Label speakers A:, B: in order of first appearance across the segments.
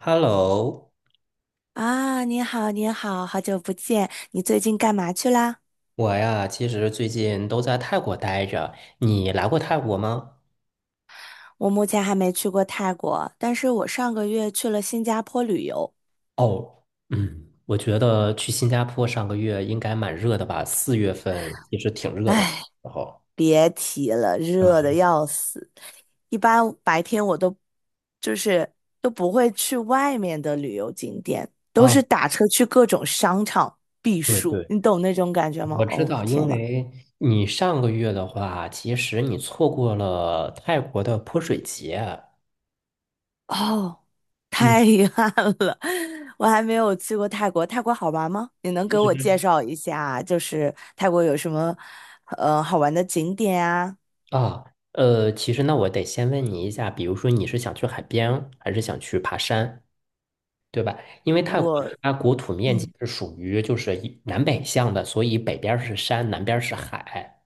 A: Hello，
B: 啊，你好，你好，好久不见，你最近干嘛去啦？
A: 我呀，其实最近都在泰国待着。你来过泰国吗？
B: 我目前还没去过泰国，但是我上个月去了新加坡旅游。
A: 哦，嗯，我觉得去新加坡上个月应该蛮热的吧，四月份也是挺热的时
B: 唉，
A: 候。
B: 别提了，
A: 嗯
B: 热的要死。一般白天我都就是都不会去外面的旅游景点，都
A: 啊，
B: 是打车去各种商场避
A: 对
B: 暑，
A: 对，
B: 你懂那种感觉吗？
A: 我知
B: 哦，
A: 道，因
B: 天呐！
A: 为你上个月的话，其实你错过了泰国的泼水节。
B: 哦，
A: 嗯
B: 太遗憾了，我还没有去过泰国。泰国好玩吗？你能给我介绍一下，就是泰国有什么好玩的景点啊？
A: 啊，其实那我得先问你一下，比如说你是想去海边，还是想去爬山？对吧？因为泰国
B: 我
A: 它国土面积
B: 嗯，
A: 是属于就是一南北向的，所以北边儿是山，南边儿是海，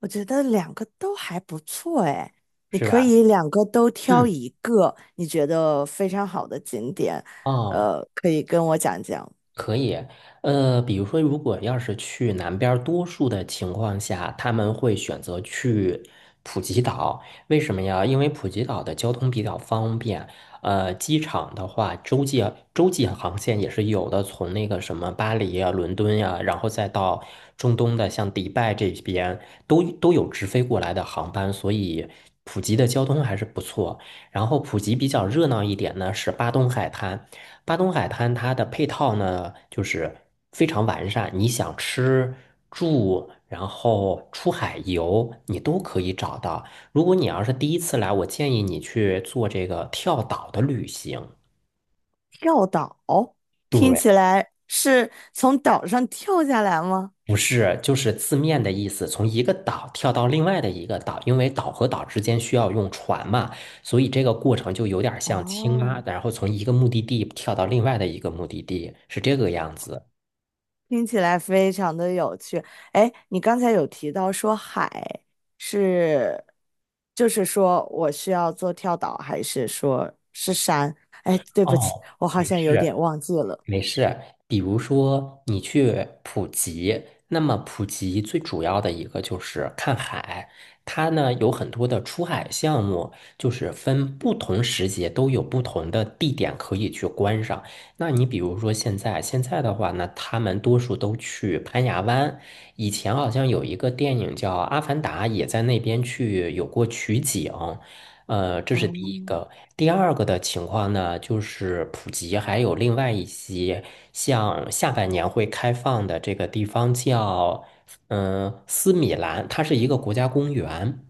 B: 我觉得两个都还不错哎。你
A: 是
B: 可
A: 吧？
B: 以两个都挑
A: 嗯，
B: 一个你觉得非常好的景点，
A: 哦，
B: 可以跟我讲讲。
A: 可以，比如说，如果要是去南边儿多数的情况下，他们会选择去普吉岛。为什么呀？因为普吉岛的交通比较方便，机场的话，洲际航线也是有的，从那个什么巴黎啊、伦敦呀、然后再到中东的像迪拜这边，都有直飞过来的航班，所以普吉的交通还是不错。然后普吉比较热闹一点呢是巴东海滩，巴东海滩它的配套呢就是非常完善，你想吃住，然后出海游，你都可以找到。如果你要是第一次来，我建议你去做这个跳岛的旅行。
B: 跳岛，听
A: 对，
B: 起来是从岛上跳下来吗？
A: 不是，就是字面的意思，从一个岛跳到另外的一个岛，因为岛和岛之间需要用船嘛，所以这个过程就有点像青
B: 哦。
A: 蛙，然后从一个目的地跳到另外的一个目的地，是这个样子。
B: 听起来非常的有趣。哎，你刚才有提到说海是，就是说我需要做跳岛，还是说是山？哎，对不起，
A: 哦，
B: 我好
A: 没
B: 像有
A: 事。
B: 点忘记了。
A: 没事，比如说你去普吉，那么普吉最主要的一个就是看海，它呢有很多的出海项目，就是分不同时节都有不同的地点可以去观赏。那你比如说现在的话呢，他们多数都去攀牙湾，以前好像有一个电影叫《阿凡达》，也在那边去有过取景。这是
B: 哦
A: 第一个。第二个的情况呢，就是普及还有另外一些，像下半年会开放的这个地方叫，斯米兰，它是一个国家公园。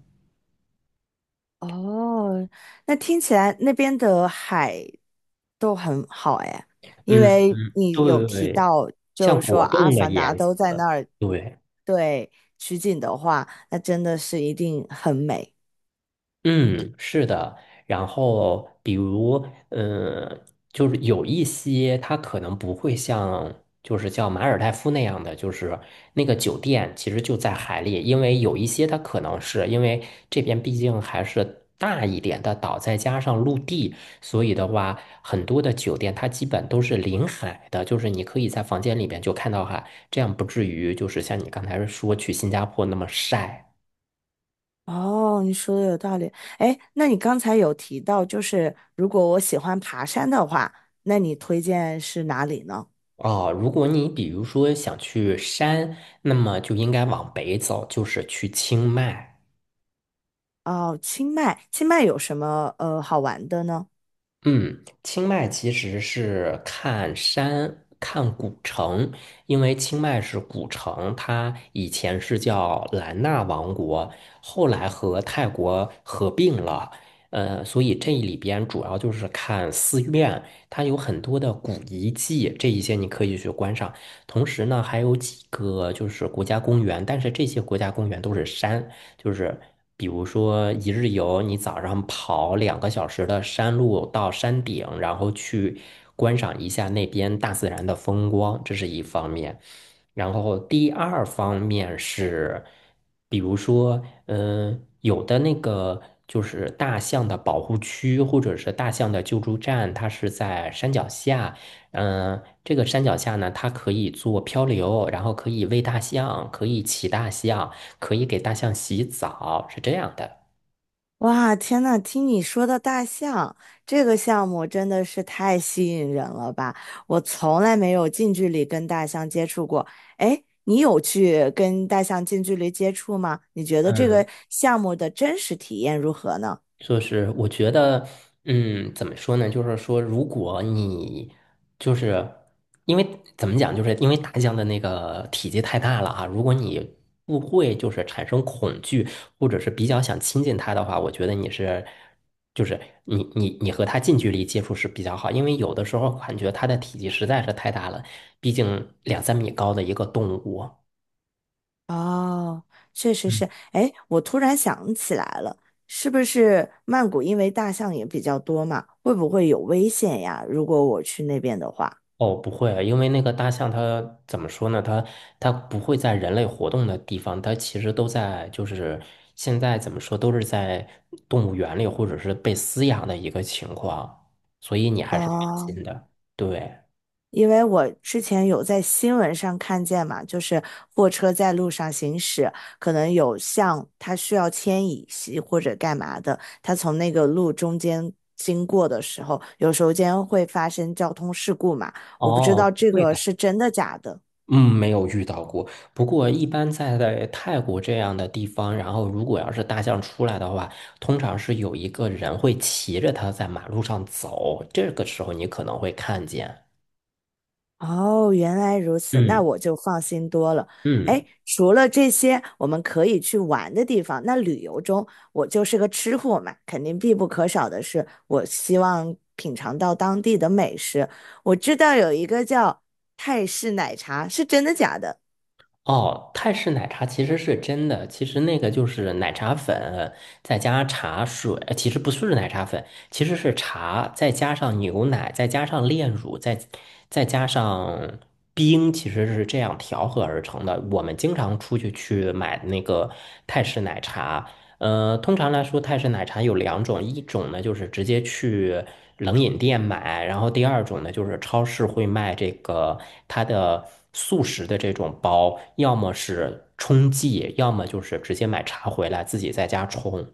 B: 哦，那听起来那边的海都很好哎，因
A: 嗯，
B: 为你有提
A: 对，
B: 到，就
A: 像
B: 是说
A: 果
B: 《阿
A: 冻的
B: 凡达》
A: 颜
B: 都在
A: 色，
B: 那儿，
A: 对。
B: 对，取景的话，那真的是一定很美。
A: 嗯，是的。然后，比如，就是有一些它可能不会像，就是叫马尔代夫那样的，就是那个酒店其实就在海里，因为有一些它可能是因为这边毕竟还是大一点的岛，再加上陆地，所以的话，很多的酒店它基本都是临海的，就是你可以在房间里边就看到海，这样不至于就是像你刚才说去新加坡那么晒。
B: 哦，你说的有道理。哎，那你刚才有提到，就是如果我喜欢爬山的话，那你推荐是哪里呢？
A: 啊，如果你比如说想去山，那么就应该往北走，就是去清迈。
B: 哦，清迈，清迈有什么好玩的呢？
A: 嗯，清迈其实是看山、看古城，因为清迈是古城，它以前是叫兰纳王国，后来和泰国合并了。所以这里边主要就是看寺院，它有很多的古遗迹，这一些你可以去观赏。同时呢，还有几个就是国家公园，但是这些国家公园都是山，就是比如说一日游，你早上跑2个小时的山路到山顶，然后去观赏一下那边大自然的风光，这是一方面。然后第二方面是，比如说，有的那个就是大象的保护区或者是大象的救助站，它是在山脚下。嗯，这个山脚下呢，它可以做漂流，然后可以喂大象，可以骑大象，可以给大象洗澡，是这样的。
B: 哇，天呐，听你说到大象这个项目真的是太吸引人了吧！我从来没有近距离跟大象接触过。哎，你有去跟大象近距离接触吗？你觉得这
A: 嗯。
B: 个项目的真实体验如何呢？
A: 就是我觉得，怎么说呢？就是说，如果你就是因为怎么讲，就是因为大象的那个体积太大了啊，如果你不会就是产生恐惧，或者是比较想亲近它的话，我觉得你是。就是你和它近距离接触是比较好，因为有的时候感觉它的体积实在是太大了，毕竟两三米高的一个动物。
B: 哦，确实是。哎，我突然想起来了，是不是曼谷因为大象也比较多嘛，会不会有危险呀？如果我去那边的话，
A: 哦，不会啊，因为那个大象它怎么说呢？它不会在人类活动的地方，它其实都在，就是现在怎么说，都是在动物园里或者是被饲养的一个情况，所以你还是放
B: 哦，
A: 心的。对，
B: 因为我之前有在新闻上看见嘛，就是货车在路上行驶，可能有象它需要牵引系或者干嘛的，它从那个路中间经过的时候，有时候间会发生交通事故嘛。我不知道
A: 哦，不
B: 这
A: 会
B: 个
A: 的，
B: 是真的假的。
A: 嗯，没有遇到过。不过一般在泰国这样的地方，然后如果要是大象出来的话，通常是有一个人会骑着它在马路上走，这个时候你可能会看见。
B: 哦，原来如此，那
A: 嗯
B: 我就放心多了。哎，
A: 嗯。
B: 除了这些我们可以去玩的地方，那旅游中我就是个吃货嘛，肯定必不可少的是，我希望品尝到当地的美食。我知道有一个叫泰式奶茶，是真的假的？
A: 哦，泰式奶茶其实是真的，其实那个就是奶茶粉，再加茶水，其实不是奶茶粉，其实是茶，再加上牛奶，再加上炼乳，再加上冰，其实是这样调和而成的。我们经常出去去买那个泰式奶茶，通常来说，泰式奶茶有两种，一种呢就是直接去冷饮店买，然后第二种呢就是超市会卖这个它的速食的这种包，要么是冲剂，要么就是直接买茶回来自己在家冲。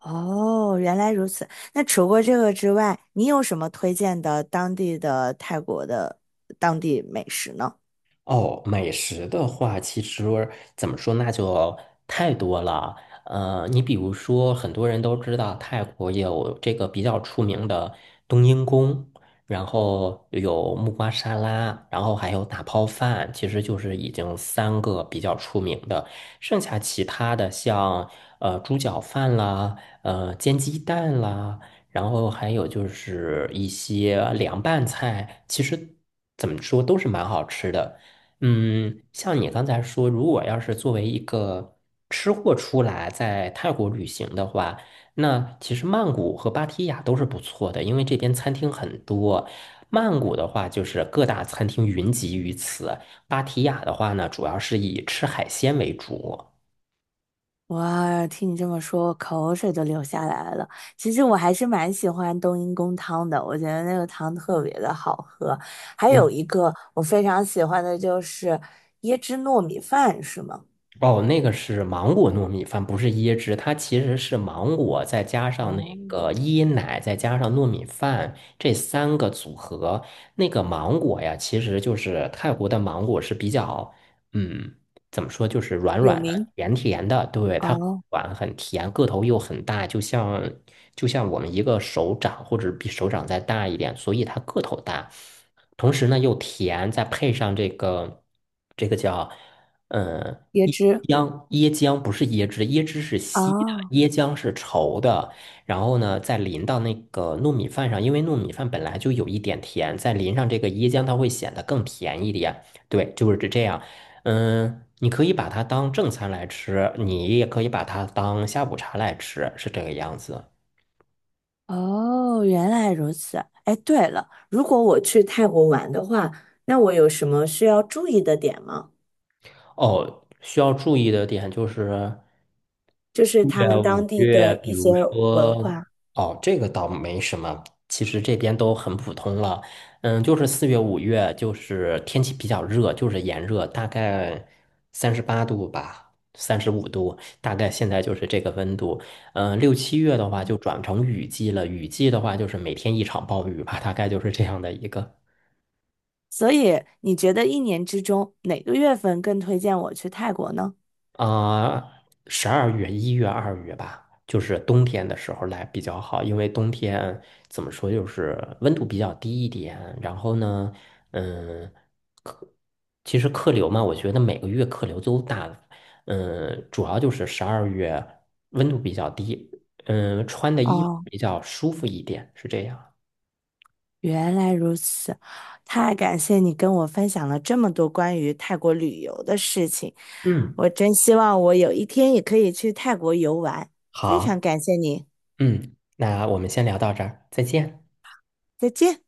B: 哦，原来如此。那除过这个之外，你有什么推荐的当地的泰国的当地美食呢？
A: 哦，美食的话，其实怎么说，那就太多了。你比如说，很多人都知道泰国有这个比较出名的冬阴功，然后有木瓜沙拉，然后还有打泡饭，其实就是已经三个比较出名的。剩下其他的像猪脚饭啦，煎鸡蛋啦。然后还有就是一些凉拌菜，其实怎么说都是蛮好吃的。嗯，像你刚才说，如果要是作为一个吃货出来在泰国旅行的话，那其实曼谷和芭提雅都是不错的，因为这边餐厅很多。曼谷的话，就是各大餐厅云集于此；芭提雅的话呢，主要是以吃海鲜为主。
B: 哇，听你这么说，我口水都流下来了。其实我还是蛮喜欢冬阴功汤的，我觉得那个汤特别的好喝。还有
A: 嗯。
B: 一个我非常喜欢的就是椰汁糯米饭，是吗？
A: 哦，那个是芒果糯米饭，不是椰汁，它其实是芒果再加上那
B: 哦，
A: 个椰奶，再加上糯米饭这三个组合。那个芒果呀，其实就是泰国的芒果是比较，嗯，怎么说，就是软
B: 有
A: 软的、
B: 名
A: 甜甜的，对，它很
B: 哦，
A: 软很甜，个头又很大，就像我们一个手掌或者比手掌再大一点，所以它个头大。同时呢又甜，再配上这个叫。嗯，
B: 椰
A: 椰
B: 汁
A: 浆，椰浆不是椰汁，椰汁是稀的，
B: 哦
A: 椰浆是稠的。然后呢，再淋到那个糯米饭上，因为糯米饭本来就有一点甜，再淋上这个椰浆，它会显得更甜一点。对，就是这样。嗯，你可以把它当正餐来吃，你也可以把它当下午茶来吃，是这个样子。
B: 哦，原来如此。哎，对了，如果我去泰国玩的话，那我有什么需要注意的点吗？
A: 哦，需要注意的点就是。
B: 就
A: 四
B: 是他
A: 月、
B: 们
A: 五
B: 当地
A: 月，
B: 的
A: 比
B: 一些
A: 如
B: 文
A: 说，
B: 化。
A: 哦，这个倒没什么，其实这边都很普通了。嗯，就是四月、五月，就是天气比较热，就是炎热，大概38度吧，35度，大概现在就是这个温度。嗯，6、7月的话就转成雨季了，雨季的话就是每天一场暴雨吧，大概就是这样的一个。
B: 所以你觉得一年之中哪个月份更推荐我去泰国呢？
A: 啊，十二月、1月、二月吧，就是冬天的时候来比较好，因为冬天怎么说，就是温度比较低一点。然后呢，嗯，其实客流嘛，我觉得每个月客流都大，嗯，主要就是十二月温度比较低，嗯，穿的衣服
B: 哦，
A: 比较舒服一点，是这样。
B: 原来如此，太感谢你跟我分享了这么多关于泰国旅游的事情，
A: 嗯，
B: 我真希望我有一天也可以去泰国游玩，非常
A: 好，
B: 感谢你，
A: 嗯，那我们先聊到这儿，再见。
B: 再见。